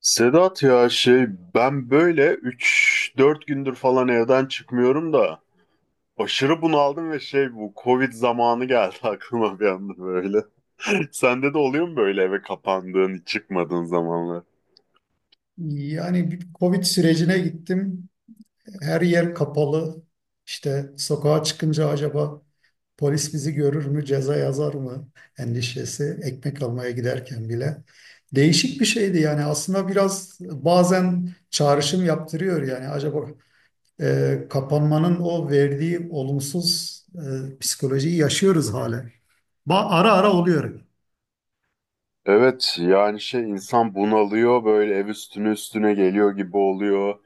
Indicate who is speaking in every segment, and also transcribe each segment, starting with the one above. Speaker 1: Sedat, ya ben böyle üç dört gündür falan evden çıkmıyorum da aşırı bunaldım ve bu Covid zamanı geldi aklıma bir anda böyle. Sende de oluyor mu böyle eve kapandığın hiç çıkmadığın zamanlar?
Speaker 2: Yani bir Covid sürecine gittim. Her yer kapalı. İşte sokağa çıkınca acaba polis bizi görür mü, ceza yazar mı endişesi. Ekmek almaya giderken bile. Değişik bir şeydi yani aslında biraz bazen çağrışım yaptırıyor yani acaba kapanmanın o verdiği olumsuz psikolojiyi yaşıyoruz hala. Ara ara oluyor.
Speaker 1: Evet, yani insan bunalıyor, böyle ev üstüne üstüne geliyor gibi oluyor.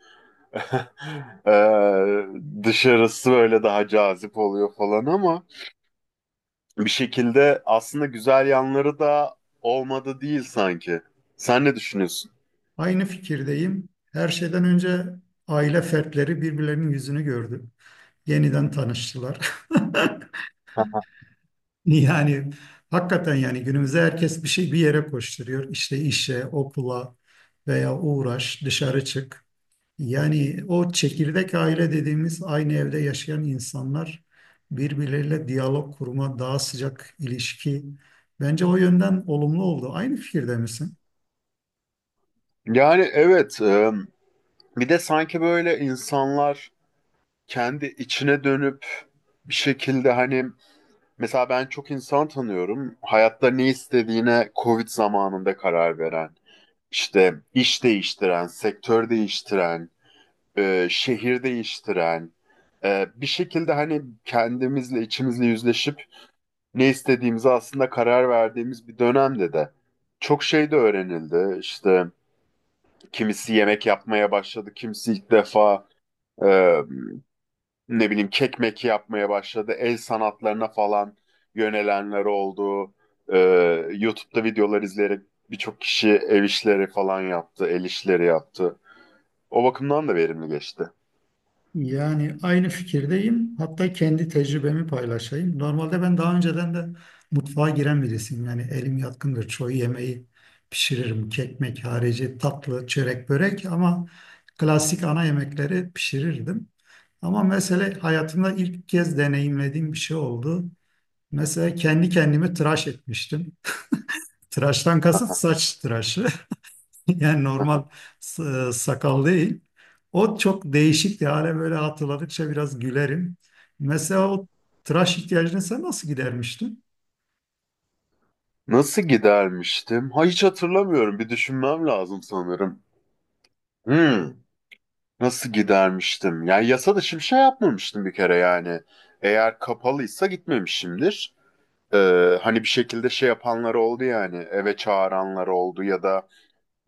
Speaker 1: Ee, dışarısı böyle daha cazip oluyor falan ama bir şekilde aslında güzel yanları da olmadı değil sanki. Sen ne düşünüyorsun?
Speaker 2: Aynı fikirdeyim. Her şeyden önce aile fertleri birbirlerinin yüzünü gördü. Yeniden tanıştılar. Yani hakikaten yani günümüzde herkes bir şey bir yere koşturuyor. İşte işe, okula veya uğraş, dışarı çık. Yani o çekirdek aile dediğimiz aynı evde yaşayan insanlar birbirleriyle diyalog kurma, daha sıcak ilişki. Bence o yönden olumlu oldu. Aynı fikirde misin?
Speaker 1: Yani evet, bir de sanki böyle insanlar kendi içine dönüp bir şekilde hani, mesela ben çok insan tanıyorum. Hayatta ne istediğine Covid zamanında karar veren, işte iş değiştiren, sektör değiştiren, şehir değiştiren, bir şekilde hani kendimizle, içimizle yüzleşip ne istediğimize aslında karar verdiğimiz bir dönemde de çok şey de öğrenildi. İşte kimisi yemek yapmaya başladı, kimisi ilk defa e, ne bileyim kek meki yapmaya başladı. El sanatlarına falan yönelenler oldu. E, YouTube'da videolar izleyerek birçok kişi ev işleri falan yaptı, el işleri yaptı. O bakımdan da verimli geçti.
Speaker 2: Yani aynı fikirdeyim. Hatta kendi tecrübemi paylaşayım. Normalde ben daha önceden de mutfağa giren birisiyim. Yani elim yatkındır. Çoğu yemeği pişiririm. Kekmek harici tatlı, çörek, börek ama klasik ana yemekleri pişirirdim. Ama mesele hayatımda ilk kez deneyimlediğim bir şey oldu. Mesela kendi kendimi tıraş etmiştim. Tıraştan kasıt saç tıraşı. Yani normal s- sakal değil. O çok değişikti. Hala böyle hatırladıkça biraz gülerim. Mesela o tıraş ihtiyacını sen nasıl gidermiştin?
Speaker 1: Nasıl gidermiştim? Ha, hiç hatırlamıyorum. Bir düşünmem lazım sanırım. Hmm. Nasıl gidermiştim? Yani yasa dışı bir şey yapmamıştım bir kere yani. Eğer kapalıysa gitmemişimdir. Hani bir şekilde şey yapanlar oldu yani. Eve çağıranlar oldu ya da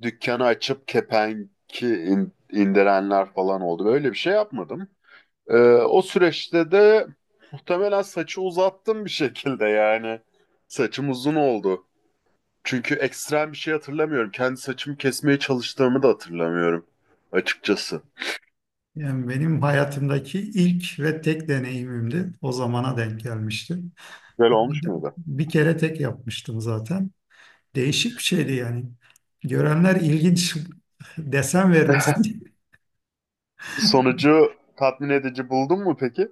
Speaker 1: dükkanı açıp kepenki indirenler falan oldu. Böyle bir şey yapmadım. Ee, o süreçte de muhtemelen saçı uzattım bir şekilde yani. Saçım uzun oldu. Çünkü ekstrem bir şey hatırlamıyorum. Kendi saçımı kesmeye çalıştığımı da hatırlamıyorum açıkçası.
Speaker 2: Yani benim hayatımdaki ilk ve tek deneyimimdi. O zamana denk gelmişti.
Speaker 1: Güzel olmuş muydu?
Speaker 2: Bir kere tek yapmıştım zaten. Değişik bir şeydi yani. Görenler ilginç desen vermişti.
Speaker 1: Sonucu tatmin edici buldun mu peki?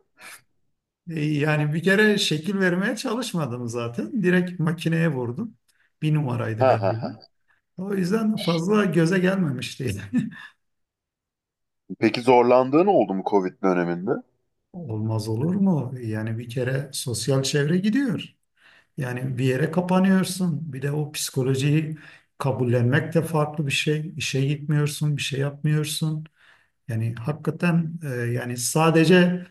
Speaker 2: Yani bir kere şekil vermeye çalışmadım zaten. Direkt makineye vurdum. Bir numaraydı
Speaker 1: Ha ha
Speaker 2: galiba.
Speaker 1: ha.
Speaker 2: O yüzden fazla göze gelmemiş değil.
Speaker 1: Peki zorlandığın oldu mu Covid döneminde?
Speaker 2: Olmaz olur mu? Yani bir kere sosyal çevre gidiyor. Yani bir yere kapanıyorsun. Bir de o psikolojiyi kabullenmek de farklı bir şey. İşe gitmiyorsun, bir şey yapmıyorsun. Yani hakikaten yani sadece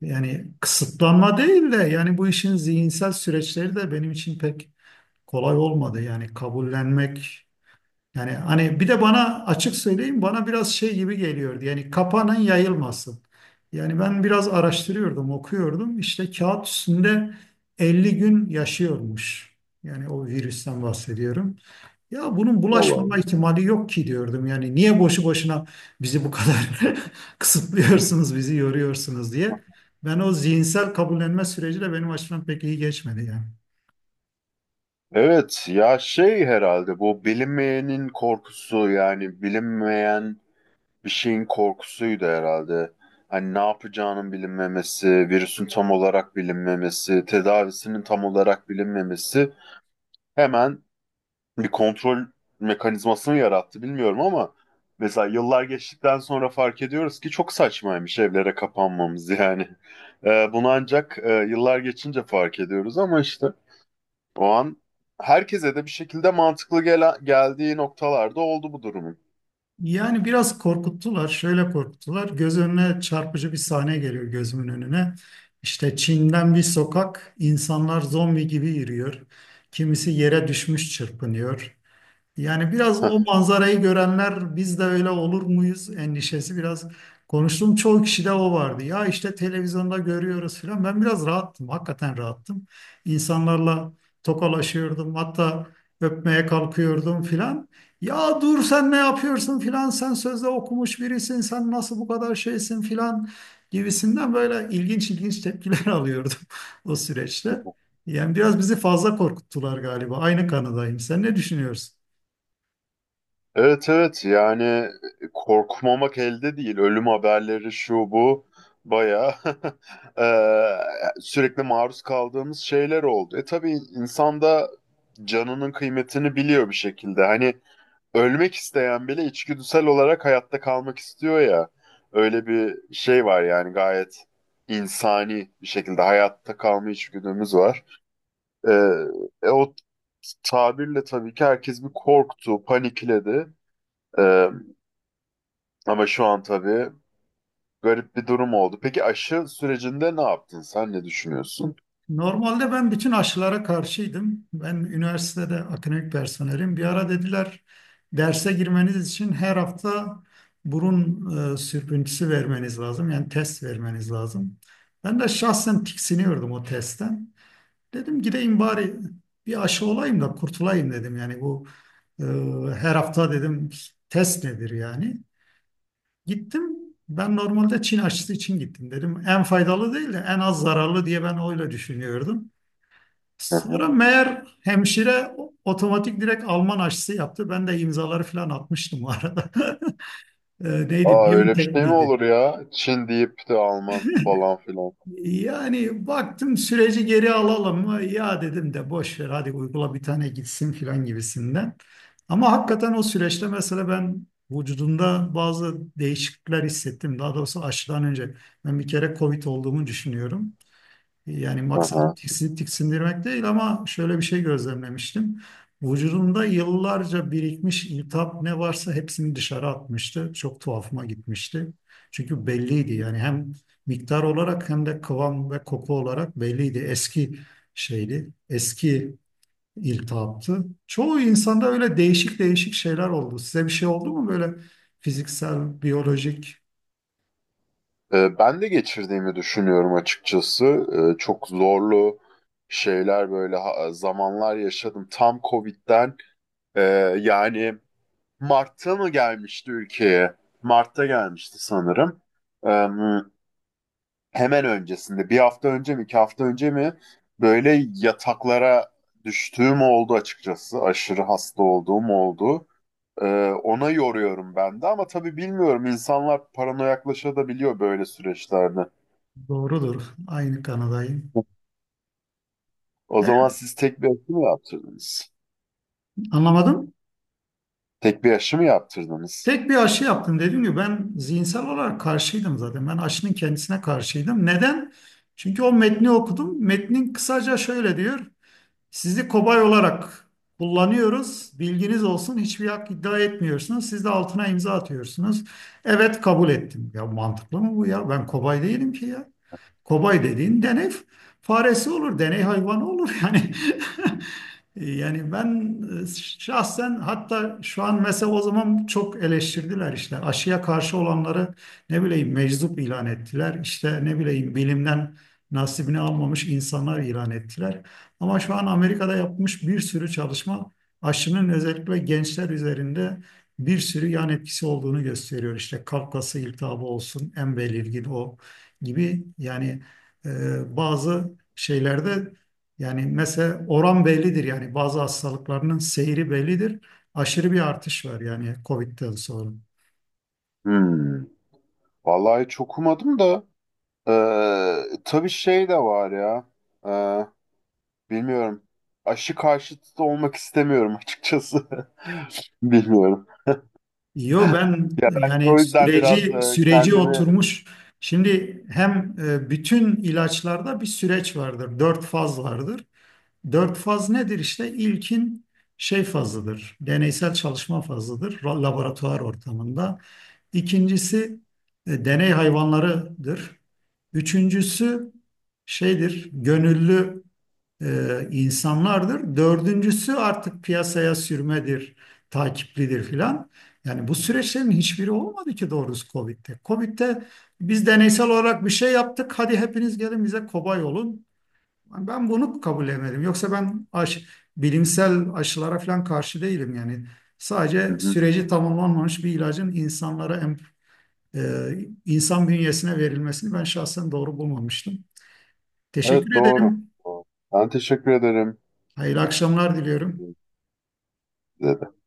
Speaker 2: yani kısıtlanma değil de yani bu işin zihinsel süreçleri de benim için pek kolay olmadı. Yani kabullenmek. Yani hani bir de bana açık söyleyeyim bana biraz şey gibi geliyordu. Yani kapanın yayılmasın. Yani ben biraz araştırıyordum, okuyordum. İşte kağıt üstünde 50 gün yaşıyormuş. Yani o virüsten bahsediyorum. Ya bunun
Speaker 1: Vallahi,
Speaker 2: bulaşmama
Speaker 1: oldu.
Speaker 2: ihtimali yok ki diyordum. Yani niye boşu boşuna bizi bu kadar kısıtlıyorsunuz, bizi yoruyorsunuz diye. Ben o zihinsel kabullenme süreci de benim açımdan pek iyi geçmedi yani.
Speaker 1: Evet, ya herhalde bu bilinmeyenin korkusu, yani bilinmeyen bir şeyin korkusuydu herhalde. Hani ne yapacağının bilinmemesi, virüsün tam olarak bilinmemesi, tedavisinin tam olarak bilinmemesi hemen bir kontrol mekanizmasını yarattı, bilmiyorum, ama mesela yıllar geçtikten sonra fark ediyoruz ki çok saçmaymış evlere kapanmamız yani. Bunu ancak yıllar geçince fark ediyoruz ama işte o an herkese de bir şekilde mantıklı geldiği noktalarda oldu bu durumun.
Speaker 2: Yani biraz korkuttular, şöyle korkuttular. Göz önüne çarpıcı bir sahne geliyor gözümün önüne. İşte Çin'den bir sokak, insanlar zombi gibi yürüyor. Kimisi yere düşmüş çırpınıyor. Yani biraz o manzarayı görenler biz de öyle olur muyuz endişesi biraz konuştum çoğu kişide o vardı. Ya işte televizyonda görüyoruz filan. Ben biraz rahattım. Hakikaten rahattım. İnsanlarla tokalaşıyordum. Hatta öpmeye kalkıyordum filan. Ya dur sen ne yapıyorsun filan. Sen sözde okumuş birisin. Sen nasıl bu kadar şeysin filan gibisinden böyle ilginç ilginç tepkiler alıyordum o süreçte. Yani biraz bizi fazla korkuttular galiba. Aynı kanıdayım. Sen ne düşünüyorsun?
Speaker 1: Evet, evet, yani korkmamak elde değil. Ölüm haberleri, şu bu, bayağı eee, sürekli maruz kaldığımız şeyler oldu. E tabii insan da canının kıymetini biliyor bir şekilde. Hani ölmek isteyen bile içgüdüsel olarak hayatta kalmak istiyor ya. Öyle bir şey var yani, gayet insani bir şekilde hayatta kalma içgüdümüz var. Eee, o tabirle tabii ki herkes bir korktu, panikledi. Ama şu an tabii garip bir durum oldu. Peki aşı sürecinde ne yaptın? Sen ne düşünüyorsun?
Speaker 2: Normalde ben bütün aşılara karşıydım. Ben üniversitede akademik personelim. Bir ara dediler derse girmeniz için her hafta burun sürtüntüsü vermeniz lazım. Yani test vermeniz lazım. Ben de şahsen tiksiniyordum o testten. Dedim gideyim bari bir aşı olayım da kurtulayım dedim. Yani bu e, her hafta dedim test nedir yani. Gittim. Ben normalde Çin aşısı için gittim dedim. En faydalı değil de en az zararlı diye ben öyle düşünüyordum.
Speaker 1: Hı hı.
Speaker 2: Sonra meğer hemşire otomatik direkt Alman aşısı yaptı. Ben de imzaları falan atmıştım o arada. Neydi?
Speaker 1: Aa, öyle bir
Speaker 2: Biontech
Speaker 1: şey mi
Speaker 2: miydi?
Speaker 1: olur ya? Çin deyip de Alman falan filan.
Speaker 2: Yani baktım süreci geri alalım mı? Ya dedim de boş ver hadi uygula bir tane gitsin falan gibisinden. Ama hakikaten o süreçte mesela ben vücudumda bazı değişiklikler hissettim. Daha doğrusu aşıdan önce ben bir kere COVID olduğumu düşünüyorum. Yani
Speaker 1: Hı
Speaker 2: maksadım
Speaker 1: hı.
Speaker 2: tiksindirmek değil ama şöyle bir şey gözlemlemiştim. Vücudumda yıllarca birikmiş iltihap ne varsa hepsini dışarı atmıştı. Çok tuhafıma gitmişti. Çünkü belliydi yani hem miktar olarak hem de kıvam ve koku olarak belliydi. Eski şeydi, eski iltihaptı. Çoğu insanda öyle değişik değişik şeyler oldu. Size bir şey oldu mu böyle fiziksel, biyolojik?
Speaker 1: Ben de geçirdiğimi düşünüyorum açıkçası. Çok zorlu zamanlar yaşadım. Tam Covid'den e, yani Mart'ta mı gelmişti ülkeye? Mart'ta gelmişti sanırım. Hemen öncesinde bir hafta önce mi iki hafta önce mi böyle yataklara düştüğüm oldu açıkçası. Aşırı hasta olduğum oldu. Ee, ona yoruyorum ben de ama tabii bilmiyorum, insanlar paranoyaklaşabiliyor böyle süreçlerde.
Speaker 2: Doğrudur. Aynı kanadayım.
Speaker 1: O zaman
Speaker 2: Evet,
Speaker 1: siz tek bir aşı mı yaptırdınız?
Speaker 2: anlamadım.
Speaker 1: Tek bir aşı mı yaptırdınız?
Speaker 2: Tek bir aşı yaptım dediğim gibi ben zihinsel olarak karşıydım zaten. Ben aşının kendisine karşıydım. Neden? Çünkü o metni okudum. Metnin kısaca şöyle diyor. Sizi kobay olarak kullanıyoruz. Bilginiz olsun. Hiçbir hak iddia etmiyorsunuz. Siz de altına imza atıyorsunuz. Evet kabul ettim. Ya mantıklı mı bu ya? Ben kobay değilim ki ya. Kobay dediğin deney faresi olur, deney hayvanı olur yani. Yani ben e, şahsen hatta şu an mesela o zaman çok eleştirdiler işte aşıya karşı olanları ne bileyim meczup ilan ettiler. İşte ne bileyim bilimden nasibini almamış insanlar ilan ettiler. Ama şu an Amerika'da yapmış bir sürü çalışma aşının özellikle gençler üzerinde bir sürü yan etkisi olduğunu gösteriyor. İşte kalp kası iltihabı olsun, en belirgin o gibi yani bazı şeylerde yani mesela oran bellidir yani bazı hastalıklarının seyri bellidir. Aşırı bir artış var yani COVID'den sonra.
Speaker 1: Hmm. Vallahi çok umadım da tabii şey de var ya. Ee, bilmiyorum. Aşı karşıtı da olmak istemiyorum açıkçası. Bilmiyorum.
Speaker 2: Yo ben
Speaker 1: Ya ben
Speaker 2: yani
Speaker 1: o yüzden biraz
Speaker 2: süreci süreci
Speaker 1: kendimi...
Speaker 2: oturmuş. Şimdi hem bütün ilaçlarda bir süreç vardır. Dört faz vardır. Dört faz nedir işte? İlkin şey fazıdır. Deneysel çalışma fazıdır. Laboratuvar ortamında. İkincisi deney hayvanlarıdır. Üçüncüsü şeydir. Gönüllü insanlardır. Dördüncüsü artık piyasaya sürmedir, takiplidir filan. Yani bu süreçlerin hiçbiri olmadı ki doğrusu Covid'de. Covid'de biz deneysel olarak bir şey yaptık. Hadi hepiniz gelin bize kobay olun. Ben bunu kabul edemedim. Yoksa ben bilimsel aşılara falan karşı değilim yani.
Speaker 1: Hı
Speaker 2: Sadece
Speaker 1: hı.
Speaker 2: süreci tamamlanmamış bir ilacın insanlara e, insan bünyesine verilmesini ben şahsen doğru bulmamıştım.
Speaker 1: Evet,
Speaker 2: Teşekkür
Speaker 1: doğru.
Speaker 2: ederim.
Speaker 1: Doğru. Ben teşekkür ederim.
Speaker 2: Hayırlı akşamlar diliyorum.
Speaker 1: Size de.